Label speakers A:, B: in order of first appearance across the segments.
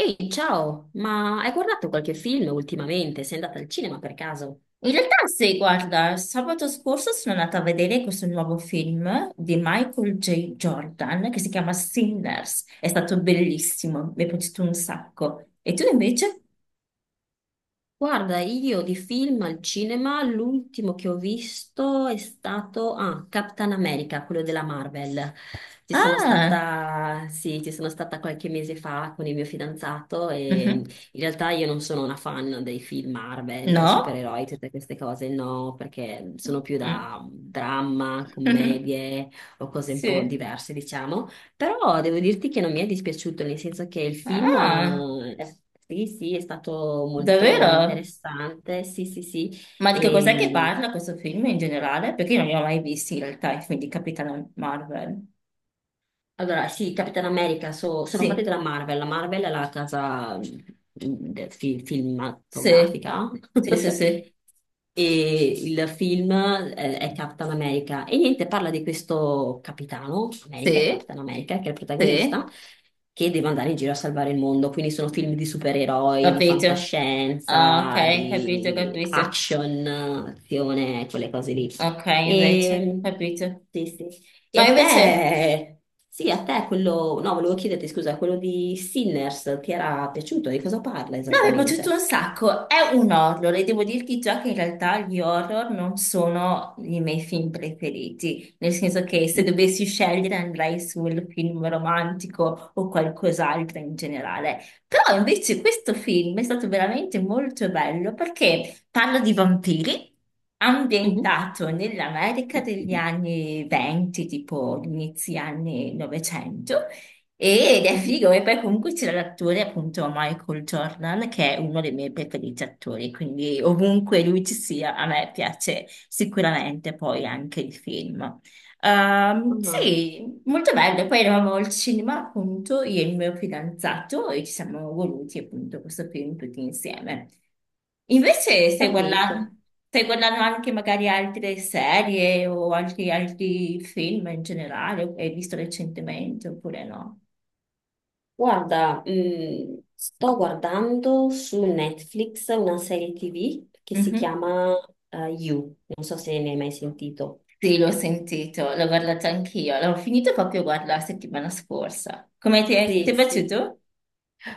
A: Ehi, ciao, ma hai guardato qualche film ultimamente? Sei andata al cinema per caso?
B: In realtà, sì, guarda, sabato scorso sono andata a vedere questo nuovo film di Michael J. Jordan che si chiama Sinners. È stato bellissimo, mi è piaciuto un sacco. E tu invece?
A: Guarda, io di film al cinema, l'ultimo che ho visto è stato Captain America, quello della Marvel. Ci sono
B: Ah,
A: stata, sì, ci sono stata qualche mese fa con il mio fidanzato e
B: mhm.
A: in realtà io non sono una fan dei film Marvel,
B: No?
A: supereroi, tutte queste cose, no, perché sono più
B: Mm.
A: da dramma, commedie o cose un po'
B: Sì.
A: diverse, diciamo. Però devo dirti che non mi è dispiaciuto, nel senso che il film,
B: Ah,
A: sì, sì, è stato molto
B: davvero?
A: interessante, sì, sì, sì.
B: Ma di che cos'è che
A: E,
B: parla questo film in generale? Perché io non li ho mai visti in realtà i film di Capitano Marvel.
A: Allora, sì, Capitan America sono fatti
B: Sì,
A: dalla Marvel. La Marvel è la casa
B: sì,
A: cinematografica.
B: sì, sì, sì,
A: E il film è Capitan America. E niente, parla di questo capitano America,
B: sì,
A: Capitan America, che è il protagonista,
B: sì,
A: che deve andare in giro a salvare il mondo. Quindi sono film di supereroi, di
B: capito. Ah, ok,
A: fantascienza,
B: capito,
A: di
B: capito.
A: action, azione, quelle cose lì.
B: Ok, invece,
A: E,
B: capito.
A: sì, sì. E
B: Ma
A: a
B: invece,
A: te, sì, a te quello, no, volevo chiederti scusa, quello di Sinners ti era piaciuto? Di cosa parla
B: no, mi è piaciuto
A: esattamente?
B: un sacco. È un horror e devo dirti già che in realtà gli horror non sono i miei film preferiti, nel senso che se
A: Mm.
B: dovessi scegliere andrei sul film romantico o qualcos'altro in generale. Però invece questo film è stato veramente molto bello perché parla di vampiri.
A: Mhm,
B: Ambientato nell'America degli anni 20, tipo inizi anni 900, ed è
A: mhm.
B: figo, e poi comunque c'era l'attore appunto Michael Jordan, che è uno dei miei preferiti attori, quindi ovunque lui ci sia, a me piace sicuramente poi anche il film.
A: Ah,
B: Sì, molto bello. Poi eravamo al cinema appunto, io e il mio fidanzato, e ci siamo voluti appunto questo film tutti insieme. Invece
A: capito.
B: stai guardando anche magari altre serie o altri film in generale, che hai visto recentemente oppure no?
A: Guarda, sto guardando su Netflix una serie TV che si
B: Mhm.
A: chiama You, non so se ne hai mai sentito.
B: Sì, l'ho sentito, l'ho guardato anch'io, l'ho finito proprio guarda, la settimana scorsa. Come ti è
A: Sì, sì.
B: piaciuto?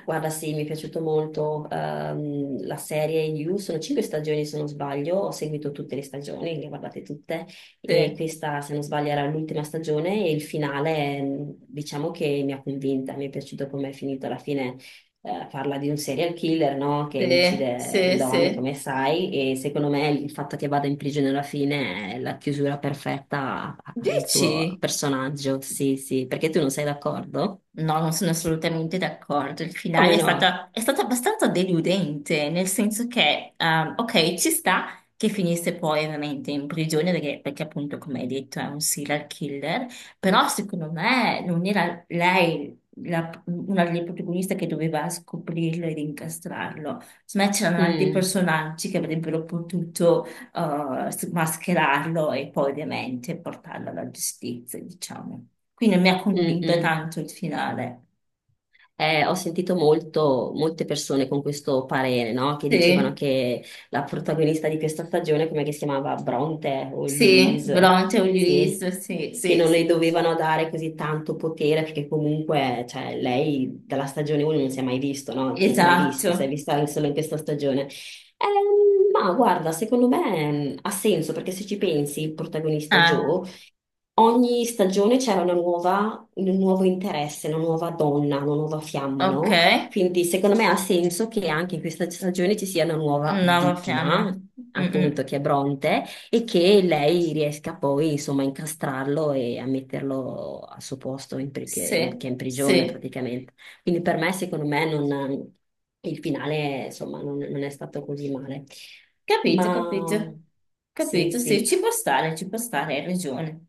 A: Guarda, sì, mi è piaciuto molto la serie You, sono cinque stagioni se non sbaglio, ho seguito tutte le stagioni, le ho guardate tutte e
B: Sì,
A: questa se non sbaglio era l'ultima stagione e il finale diciamo che mi ha convinta, mi è piaciuto come è finito alla fine, parla di un serial killer, no? Che
B: sì,
A: uccide le
B: sì,
A: donne
B: sì.
A: come sai e secondo me il fatto che vada in prigione alla fine è la chiusura perfetta al suo
B: Dici?
A: personaggio, sì, sì, perché tu non sei d'accordo?
B: No, non sono assolutamente d'accordo. Il finale
A: Come no?
B: è stato abbastanza deludente, nel senso che, ok, ci sta che finisse poi ovviamente in prigione, perché appunto, come hai detto, è un serial killer, però secondo me non era lei una delle protagoniste che doveva scoprirlo ed incastrarlo. Secondo me c'erano altri
A: Mm.
B: personaggi che avrebbero potuto mascherarlo e poi ovviamente portarlo alla giustizia, diciamo. Quindi mi ha convinto
A: Mm-mm.
B: tanto il finale.
A: Ho sentito molte persone con questo parere, no? Che dicevano
B: Sì,
A: che la protagonista di questa stagione, come che si chiamava Bronte o
B: sì,
A: Louise,
B: Bronte
A: sì,
B: Ulisse, sì,
A: che
B: sì,
A: non le
B: sì.
A: dovevano dare così tanto potere perché comunque, cioè, lei dalla stagione 1 non si è mai visto, no? Non si è mai vista, si è
B: Esatto.
A: vista solo in questa stagione. Ma guarda, secondo me ha senso perché se ci pensi, il protagonista
B: Ah,
A: Joe, ogni stagione c'era una nuova, un nuovo interesse, una nuova donna, una nuova fiamma,
B: ok.
A: no? Quindi secondo me ha senso che anche in questa stagione ci sia una nuova
B: Nuova
A: vittima,
B: fiamma.
A: appunto,
B: Mm-mm.
A: che è Bronte, e che lei riesca poi, insomma, a incastrarlo e a metterlo al suo posto, in pri-
B: Sì,
A: che è in prigione
B: sì.
A: praticamente. Quindi per me, secondo me, il finale, insomma, non è stato così male.
B: Capito,
A: Ma
B: capito.
A: sì,
B: Capito,
A: sì.
B: sì, ci può stare, hai ragione.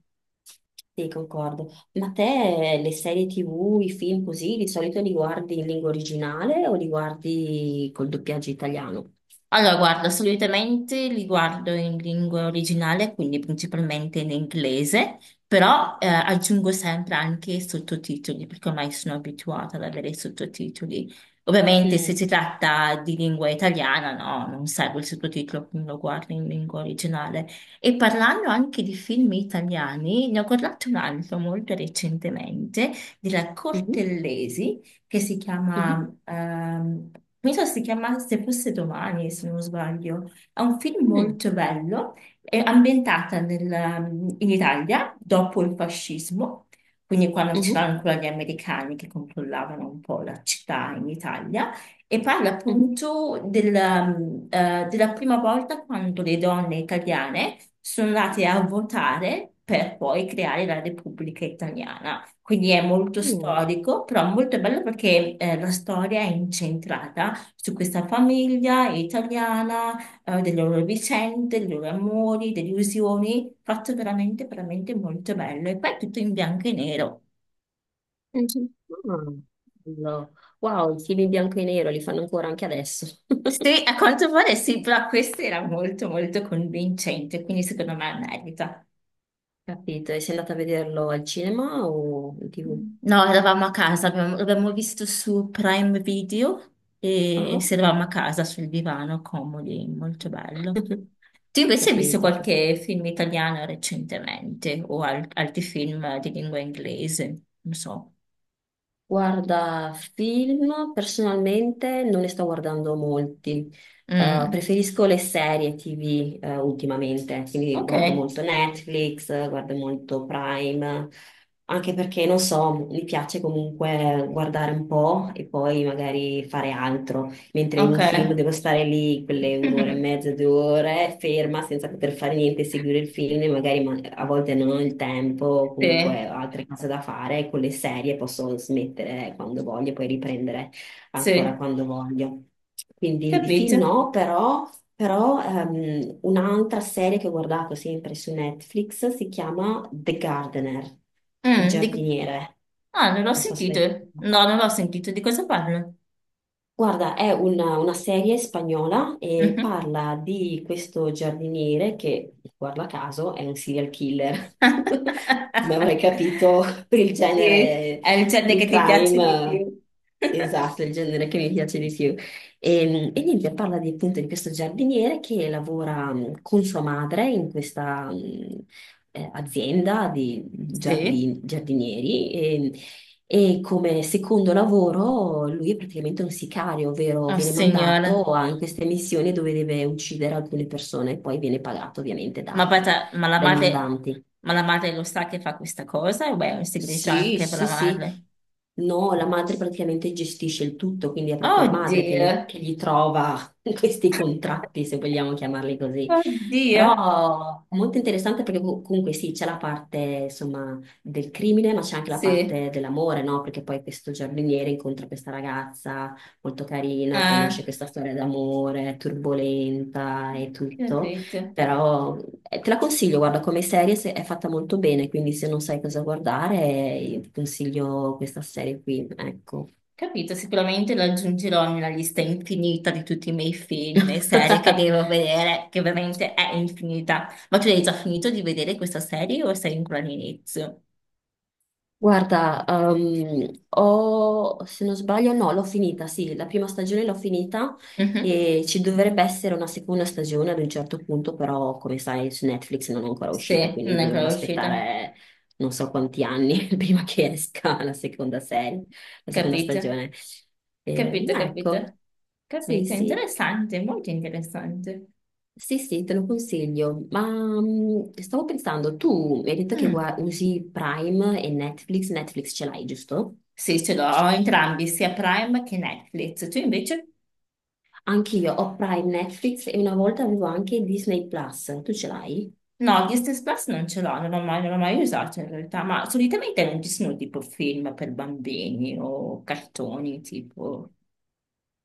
A: Sì, concordo. Ma te le serie TV, i film così, di solito li guardi in lingua originale o li guardi col doppiaggio italiano?
B: Allora, guarda, solitamente li guardo in lingua originale, quindi principalmente in inglese, però aggiungo sempre anche i sottotitoli, perché ormai sono abituata ad avere i sottotitoli. Ovviamente se
A: Mm,
B: si tratta di lingua italiana, no, non serve il sottotitolo, quindi lo guardo in lingua originale. E parlando anche di film italiani, ne ho guardato un altro molto recentemente, della
A: mhm,
B: Cortellesi che si
A: mhm,
B: chiama, mi sa si chiama Se fosse domani, se non sbaglio. È un film
A: mm,
B: molto bello, è ambientata in Italia dopo il fascismo, quindi quando c'erano
A: mhm,
B: ancora gli americani che controllavano un po' la città in Italia. E parla
A: mhm,
B: appunto della prima volta quando le donne italiane sono andate a votare per poi creare la Repubblica Italiana. Quindi è molto
A: mm,
B: storico, però molto bello perché la storia è incentrata su questa famiglia italiana, delle loro vicende, dei loro amori, delusioni, fatto veramente, veramente molto bello. E poi è tutto in bianco e nero.
A: mhm. Ah, bello. Wow, i film in bianco e nero li fanno ancora anche adesso.
B: Sì, a quanto pare sì, però questo era molto, molto convincente, quindi secondo me merita.
A: Capito? E sei andata a vederlo al cinema o in TV?
B: No, eravamo a casa, l'abbiamo visto su Prime Video
A: Ah,
B: e
A: ah.
B: si eravamo a casa sul divano, comodi, molto bello. Tu invece hai visto
A: Capito.
B: qualche film italiano recentemente o altri film di lingua inglese? Non so.
A: Guarda, film personalmente non ne sto guardando molti.
B: Mm.
A: Preferisco le serie TV ultimamente, quindi
B: Ok,
A: guardo molto Netflix, guardo molto Prime, anche perché non so, mi piace comunque guardare un po' e poi magari fare altro mentre in
B: ok.
A: un film devo stare lì quelle un'ora e mezza, due ore, ferma senza poter fare niente, seguire il film, e magari a volte non ho il tempo, o
B: Sì,
A: comunque ho altre cose da fare, con le serie posso smettere quando voglio, poi riprendere ancora
B: sì,
A: quando voglio. Quindi di
B: capito.
A: film no, però un'altra serie che ho guardato sempre su Netflix si chiama The Gardener, il
B: Mm,
A: giardiniere.
B: ah, non l'ho
A: Non so se
B: sentito.
A: l'hai sentita.
B: No, non l'ho sentito. Di cosa parlo?
A: Guarda, è una serie spagnola e
B: Mhm.
A: parla di questo giardiniere che, guarda caso, è un serial killer. Come avrei capito, per il
B: Sì,
A: genere
B: è il genere
A: true
B: che ti piace di
A: crime,
B: più.
A: esatto, il genere che mi piace di più. E niente, parla di, appunto di questo giardiniere che lavora con sua madre in questa azienda di
B: Sì,
A: giardinieri. E come secondo lavoro lui è praticamente un sicario, ovvero
B: oh
A: viene
B: signora,
A: mandato in queste missioni dove deve uccidere alcune persone e poi viene pagato ovviamente
B: ma, pata- ma la
A: dai
B: madre,
A: mandanti.
B: ma la madre lo sa che fa questa cosa? O beh, è un segreto
A: Sì,
B: anche per
A: sì,
B: la
A: sì.
B: madre?
A: No, la madre praticamente gestisce il tutto, quindi è proprio la madre
B: Oddio,
A: che gli trova questi contratti, se vogliamo chiamarli così.
B: oddio,
A: Però è molto interessante perché comunque sì, c'è la parte insomma del crimine, ma c'è anche la
B: sì,
A: parte dell'amore, no? Perché poi questo giardiniere incontra questa ragazza molto carina e poi nasce
B: ah,
A: questa storia d'amore turbolenta e tutto.
B: capito,
A: Però te la consiglio, guarda, come serie è fatta molto bene, quindi se non sai cosa guardare, io ti consiglio questa serie qui, ecco.
B: capito, sicuramente lo aggiungerò nella lista infinita di tutti i miei film e serie che devo vedere, che ovviamente è infinita. Ma tu hai già finito di vedere questa serie o sei ancora all'inizio?
A: Guarda, se non sbaglio, no, l'ho finita, sì, la prima stagione l'ho finita
B: Mhm.
A: e ci dovrebbe essere una seconda stagione ad un certo punto, però come sai su Netflix non è ancora uscita,
B: Sì,
A: quindi
B: non è
A: dovremmo
B: ancora uscita,
A: aspettare non so quanti anni prima che esca la seconda serie, la seconda
B: capito,
A: stagione.
B: capito,
A: Ecco.
B: capito,
A: Sì,
B: capito,
A: sì,
B: interessante, molto interessante.
A: sì, sì, te lo consiglio. Ma stavo pensando, tu mi hai detto che
B: Mm.
A: usi Prime e Netflix, Netflix ce l'hai, giusto?
B: Sì, ce l'ho entrambi, sia Prime che Netflix, tu invece?
A: Anche io ho Prime Netflix e una volta avevo anche Disney Plus, tu ce l'hai?
B: No, Disney Plus non ce l'ho, non l'ho mai usato in realtà, ma solitamente non ci sono tipo film per bambini o cartoni tipo...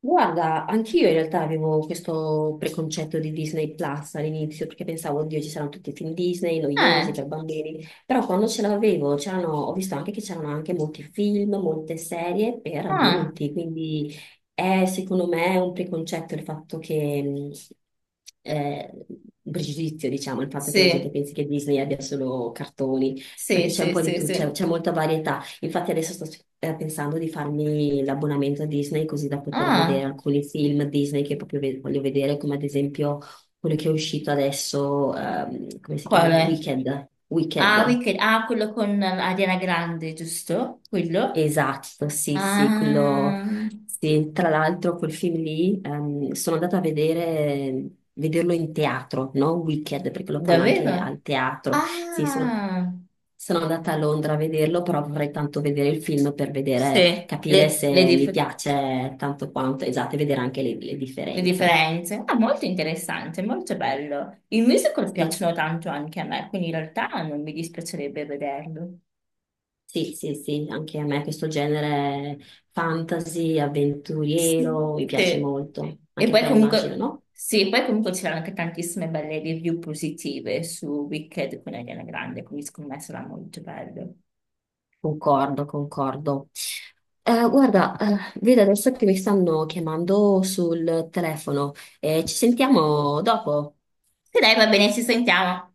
A: Guarda, anch'io in realtà avevo questo preconcetto di Disney Plus all'inizio perché pensavo, oddio, ci saranno tutti i film Disney noiosi
B: Eh,
A: per bambini, però quando ce l'avevo c'erano, ho visto anche che c'erano anche molti film, molte serie per
B: ah,
A: adulti, quindi è secondo me un preconcetto il fatto che, eh, un pregiudizio, diciamo, il fatto che la gente
B: sì,
A: pensi che Disney abbia solo cartoni, perché
B: sì,
A: c'è un
B: sì,
A: po' di
B: sì,
A: tutto, c'è
B: sì.
A: c'è molta varietà. Infatti adesso sto pensando di farmi l'abbonamento a Disney così da poter vedere
B: Ah,
A: alcuni film Disney che proprio voglio vedere, come ad esempio quello che è uscito adesso, come si
B: qual
A: chiama?
B: è?
A: Wicked.
B: Ah,
A: Wicked.
B: Wicked, ah, quello con Ariana Grande, giusto? Quello?
A: Esatto, sì, sì, quello,
B: Ah,
A: sì. Tra l'altro quel film lì sono andata a vedere, vederlo in teatro, non Wicked, perché lo fanno anche
B: davvero?
A: al teatro. Sì,
B: Ah,
A: sono andata a Londra a vederlo, però vorrei tanto vedere il film per vedere,
B: sì,
A: capire
B: le,
A: se
B: le
A: mi piace tanto quanto, esatto, e vedere anche le
B: Le
A: differenze.
B: differenze? Ah, molto interessante, molto bello. I musical
A: Sì,
B: piacciono tanto anche a me, quindi in realtà non mi dispiacerebbe vederlo.
A: sì, sì, sì, anche a me questo genere fantasy, avventuriero,
B: Sì.
A: mi piace
B: Sì.
A: molto.
B: E
A: Anche a te
B: poi
A: immagino,
B: comunque,
A: no?
B: sì, poi comunque c'erano anche tantissime belle review positive su Wicked con Ariana Grande, quindi scommesso era molto bello.
A: Concordo, concordo. Guarda, vedo adesso che mi stanno chiamando sul telefono. Ci sentiamo dopo.
B: E dai, va bene, ci sentiamo.